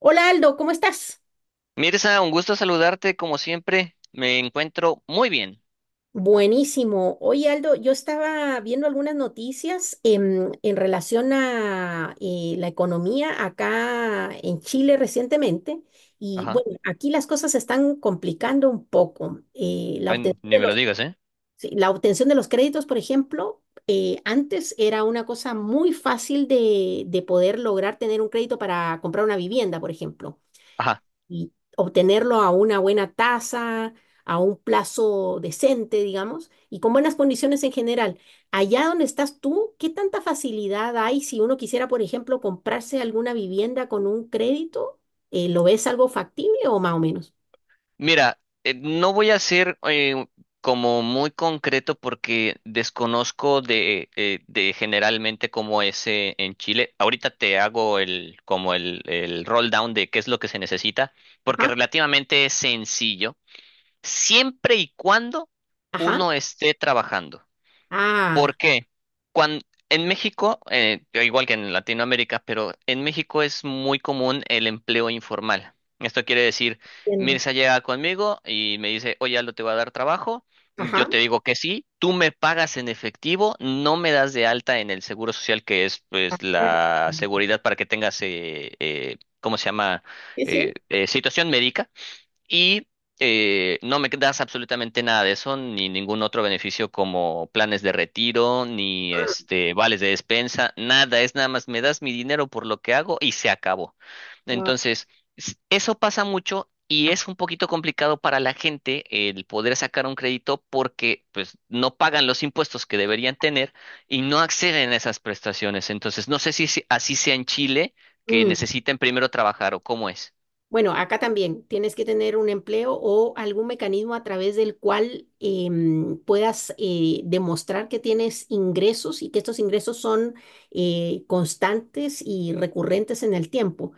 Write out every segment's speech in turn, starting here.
Hola Aldo, ¿cómo estás? Mirza, un gusto saludarte como siempre. Me encuentro muy bien. Buenísimo. Oye Aldo, yo estaba viendo algunas noticias en relación a la economía acá en Chile recientemente y Ajá. bueno, aquí las cosas se están complicando un poco. La Ay, obtención ni de me los, lo digas, ¿eh? sí, la obtención de los créditos, por ejemplo, antes era una cosa muy fácil de poder lograr tener un crédito para comprar una vivienda, por ejemplo. Ajá. Y obtenerlo a una buena tasa, a un plazo decente, digamos, y con buenas condiciones en general. Allá donde estás tú, ¿qué tanta facilidad hay si uno quisiera, por ejemplo, comprarse alguna vivienda con un crédito? ¿Lo ves algo factible o más o menos? Mira, no voy a ser como muy concreto porque desconozco de generalmente cómo es en Chile. Ahorita te hago el como el roll down de qué es lo que se necesita, porque Ajá, relativamente es sencillo, siempre y cuando ajá. uno esté trabajando. Ah, ¿Por qué? Cuando, en México, igual que en Latinoamérica, pero en México es muy común el empleo informal. Esto quiere decir, entiendo. Mirza llega conmigo y me dice, oye, Aldo, te voy a dar trabajo. Yo Ajá. te digo que sí, tú me pagas en efectivo, no me das de alta en el seguro social, que es pues Ah, la seguridad para que tengas, ¿cómo se llama? sí, sí. Situación médica y no me das absolutamente nada de eso, ni ningún otro beneficio como planes de retiro, ni este vales de despensa, nada, es nada más me das mi dinero por lo que hago y se acabó. Wow. Entonces, eso pasa mucho. Y es un poquito complicado para la gente el poder sacar un crédito porque pues no pagan los impuestos que deberían tener y no acceden a esas prestaciones. Entonces, no sé si así sea en Chile, que necesiten primero trabajar o cómo es. Bueno, acá también tienes que tener un empleo o algún mecanismo a través del cual puedas demostrar que tienes ingresos y que estos ingresos son constantes y recurrentes en el tiempo.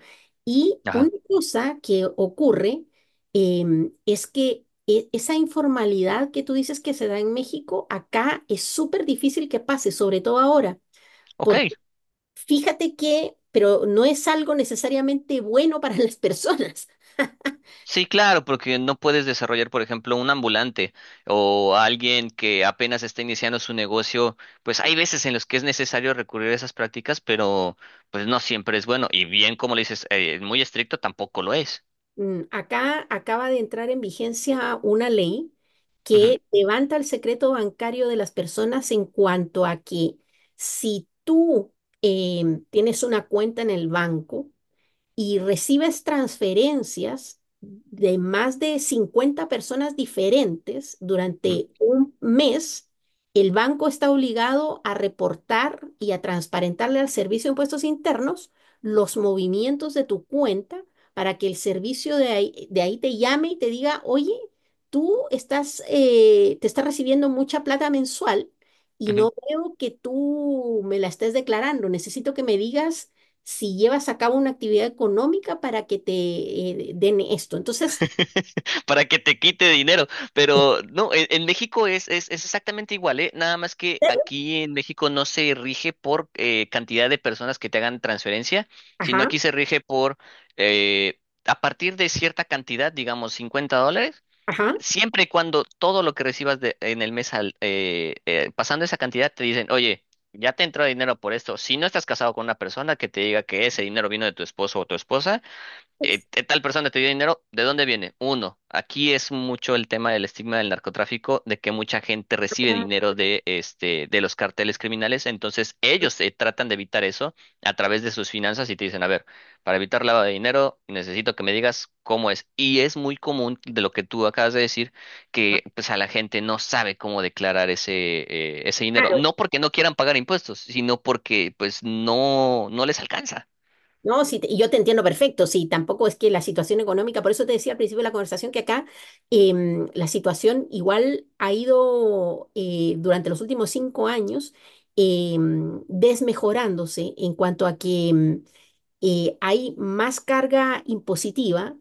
Y una Ajá. cosa que ocurre es que esa informalidad que tú dices que se da en México, acá es súper difícil que pase, sobre todo ahora, Ok. porque fíjate que, pero no es algo necesariamente bueno para las personas. Sí, claro, porque no puedes desarrollar, por ejemplo, un ambulante o alguien que apenas está iniciando su negocio, pues hay veces en los que es necesario recurrir a esas prácticas, pero pues no siempre es bueno. Y bien, como le dices, muy estricto tampoco lo es. Mm, acá acaba de entrar en vigencia una ley Ujú, que levanta el secreto bancario de las personas en cuanto a que si tú tienes una cuenta en el banco, y recibes transferencias de más de 50 personas diferentes ujú, durante un mes, el banco está obligado a reportar y a transparentarle al Servicio de Impuestos Internos los movimientos de tu cuenta para que el servicio de ahí te llame y te diga, oye, tú estás, te estás recibiendo mucha plata mensual. Y ujú. no veo que tú me la estés declarando. Necesito que me digas si llevas a cabo una actividad económica para que te den esto. Entonces, Para que te quite dinero. Pero no, en México es exactamente igual, ¿eh? Nada más que aquí en México no se rige por cantidad de personas que te hagan transferencia, sino ajá, aquí se rige por eh, a partir de cierta cantidad, digamos $50. ajá. Siempre y cuando todo lo que recibas en el mes pasando esa cantidad te dicen, oye, ya te entró dinero por esto. Si no estás casado con una persona que te diga que ese dinero vino de tu esposo o tu esposa, tal persona te dio dinero, ¿de dónde viene? Uno, aquí es mucho el tema del estigma del narcotráfico, de que mucha gente recibe dinero de los carteles criminales, entonces ellos tratan de evitar eso a través de sus finanzas y te dicen, a ver, para evitar lavado de dinero necesito que me digas cómo es. Y es muy común de lo que tú acabas de decir, que pues a la gente no sabe cómo declarar ese dinero, Ah, no porque no quieran pagar impuestos, sino porque pues no les alcanza. no, sí, y yo te entiendo perfecto, sí, tampoco es que la situación económica, por eso te decía al principio de la conversación que acá la situación igual ha ido durante los últimos 5 años desmejorándose en cuanto a que hay más carga impositiva,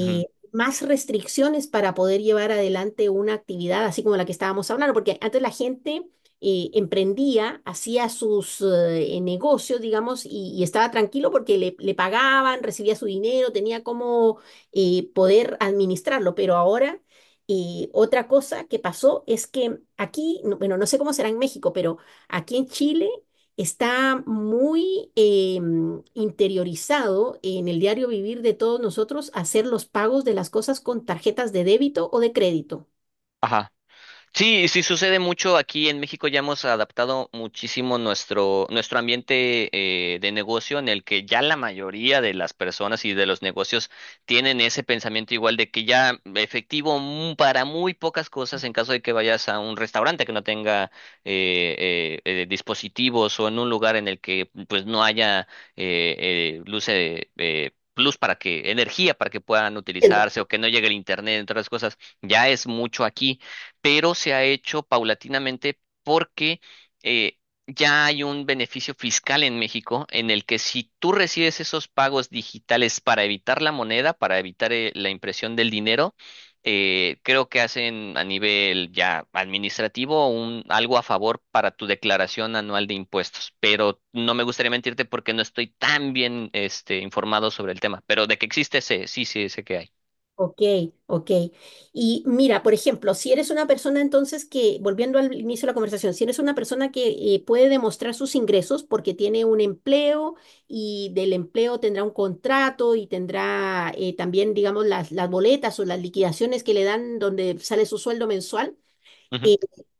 Ujú. más restricciones para poder llevar adelante una actividad así como la que estábamos hablando, porque antes la gente emprendía, hacía sus negocios, digamos, y estaba tranquilo porque le pagaban, recibía su dinero, tenía como poder administrarlo. Pero ahora, otra cosa que pasó es que aquí, bueno, no sé cómo será en México, pero aquí en Chile está muy interiorizado en el diario vivir de todos nosotros hacer los pagos de las cosas con tarjetas de débito o de crédito. Ajá. Sí, sí sucede mucho aquí en México. Ya hemos adaptado muchísimo nuestro ambiente de negocio en el que ya la mayoría de las personas y de los negocios tienen ese pensamiento igual de que ya efectivo para muy pocas cosas en caso de que vayas a un restaurante que no tenga dispositivos o en un lugar en el que pues no haya eh, luz. Luz para que, energía para que puedan utilizarse o que no llegue el internet, entre otras cosas, ya es mucho aquí pero se ha hecho paulatinamente porque eh, ya hay un beneficio fiscal en México en el que si tú recibes esos pagos digitales para evitar la moneda, para evitar la impresión del dinero, creo que hacen a nivel ya administrativo un, algo a favor para tu declaración anual de impuestos. Pero no me gustaría mentirte porque no estoy tan bien informado sobre el tema, pero de que existe, sé, sí, sí, sé que hay. Ok, ok. Y mira, por ejemplo, si eres una persona entonces que, volviendo al inicio de la conversación, si eres una persona que puede demostrar sus ingresos porque tiene un empleo y del empleo tendrá un contrato y tendrá también, digamos, las boletas o las liquidaciones que le dan donde sale su sueldo mensual, eh,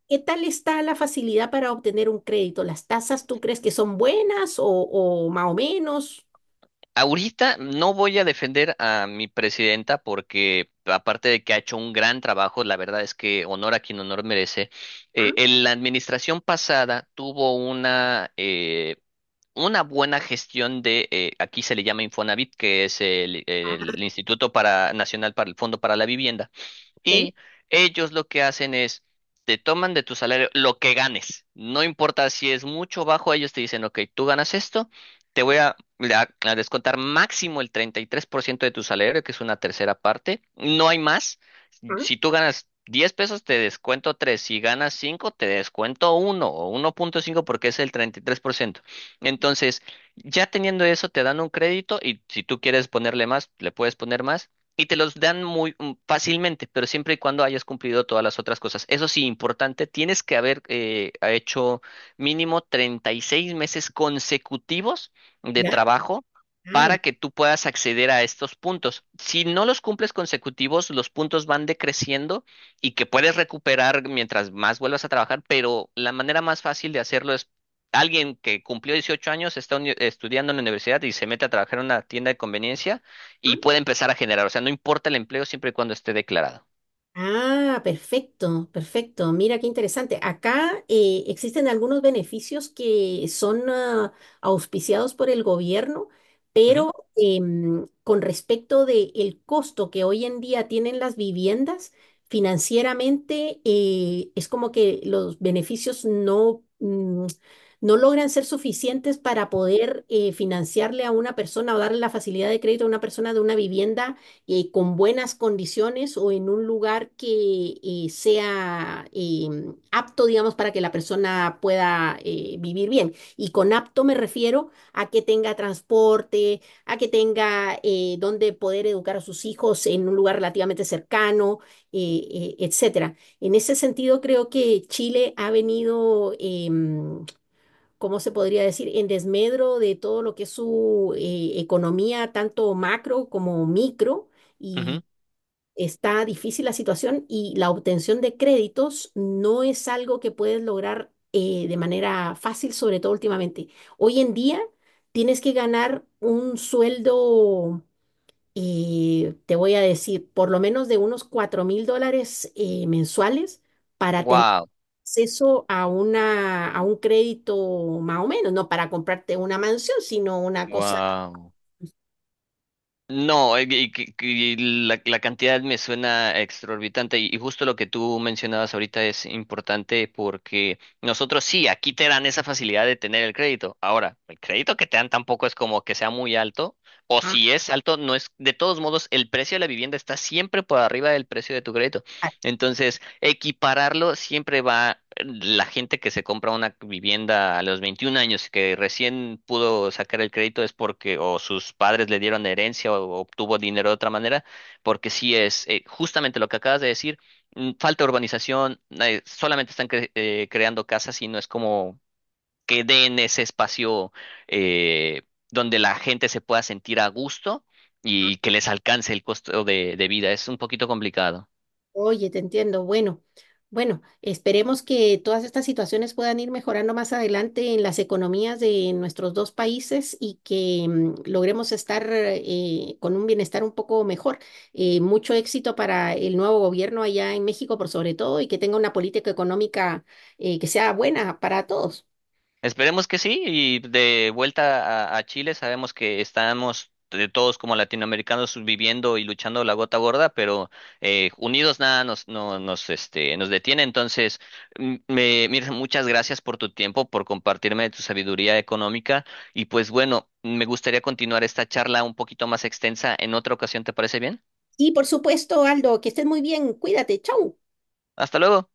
¿qué tal está la facilidad para obtener un crédito? ¿Las tasas tú crees que son buenas o más o menos? Ahorita no voy a defender a mi presidenta porque aparte de que ha hecho un gran trabajo, la verdad es que honor a quien honor merece. Ah, En la administración pasada tuvo una buena gestión aquí se le llama Infonavit, que es el Instituto para, Nacional para el Fondo para la Vivienda ok, y ellos lo que hacen es, te toman de tu salario lo que ganes. No importa si es mucho o bajo, ellos te dicen, ok, tú ganas esto, te voy a descontar máximo el 33% de tu salario, que es una tercera parte. No hay más. ah, Si tú ganas 10 pesos, te descuento tres. Si ganas 5 te descuento uno o 1.5 porque es el 33%. Entonces, ya teniendo eso, te dan un crédito y si tú quieres ponerle más, le puedes poner más. Y te los dan muy fácilmente, pero siempre y cuando hayas cumplido todas las otras cosas. Eso sí, importante, tienes que haber ha hecho mínimo 36 meses consecutivos de ya. trabajo para que tú puedas acceder a estos puntos. Si no los cumples consecutivos, los puntos van decreciendo y que puedes recuperar mientras más vuelvas a trabajar, pero la manera más fácil de hacerlo es alguien que cumplió 18 años, está estudiando en la universidad y se mete a trabajar en una tienda de conveniencia y Ah, puede empezar a generar. O sea, no importa el empleo siempre y cuando esté declarado. ah, perfecto, perfecto. Mira qué interesante. Acá existen algunos beneficios que son ah, auspiciados por el gobierno, Ujú, pero con respecto del costo que hoy en día tienen las viviendas, financieramente es como que los beneficios no, no logran ser suficientes para poder financiarle a una persona o darle la facilidad de crédito a una persona de una vivienda con buenas condiciones o en un lugar que sea apto, digamos, para que la persona pueda vivir bien. Y con apto me refiero a que tenga transporte, a que tenga donde poder educar a sus hijos en un lugar relativamente cercano, etcétera. En ese sentido, creo que Chile ha venido ¿cómo se podría decir?, en desmedro de todo lo que es su economía, tanto macro como micro, ujú. y está difícil la situación y la obtención de créditos no es algo que puedes lograr de manera fácil, sobre todo últimamente. Hoy en día tienes que ganar un sueldo, te voy a decir, por lo menos de unos $4.000 mensuales para tener Wow, acceso a una, a un crédito más o menos, no para comprarte una mansión, sino una cosa. wow. No, y la cantidad me suena exorbitante y justo lo que tú mencionabas ahorita es importante porque nosotros sí, aquí te dan esa facilidad de tener el crédito. Ahora, el crédito que te dan tampoco es como que sea muy alto o Ah, si es alto, no es, de todos modos, el precio de la vivienda está siempre por arriba del precio de tu crédito. ah, Entonces, equipararlo siempre va la gente que se compra una vivienda a los 21 años y que recién pudo sacar el crédito es porque o sus padres le dieron herencia o obtuvo dinero de otra manera, porque sí es justamente lo que acabas de decir, falta urbanización, solamente están creando casas y no es como que den ese espacio eh, donde la gente se pueda sentir a gusto y que les alcance el costo de vida. Es un poquito complicado. oye, te entiendo. Bueno, bueno, esperemos que todas estas situaciones puedan ir mejorando más adelante en las economías de nuestros dos países y que logremos estar con un bienestar un poco mejor. Mucho éxito para el nuevo gobierno allá en México, por sobre todo, y que tenga una política económica que sea buena para todos. Esperemos que sí, y de vuelta a Chile sabemos que estamos de todos como latinoamericanos viviendo y luchando la gota gorda, pero unidos nada nos, no, nos, este, nos detiene. Entonces, Mirza, muchas gracias por tu tiempo, por compartirme tu sabiduría económica y pues bueno, me gustaría continuar esta charla un poquito más extensa en otra ocasión, ¿te parece bien? Y por supuesto, Aldo, que estés muy bien. Cuídate. Chau. Hasta luego.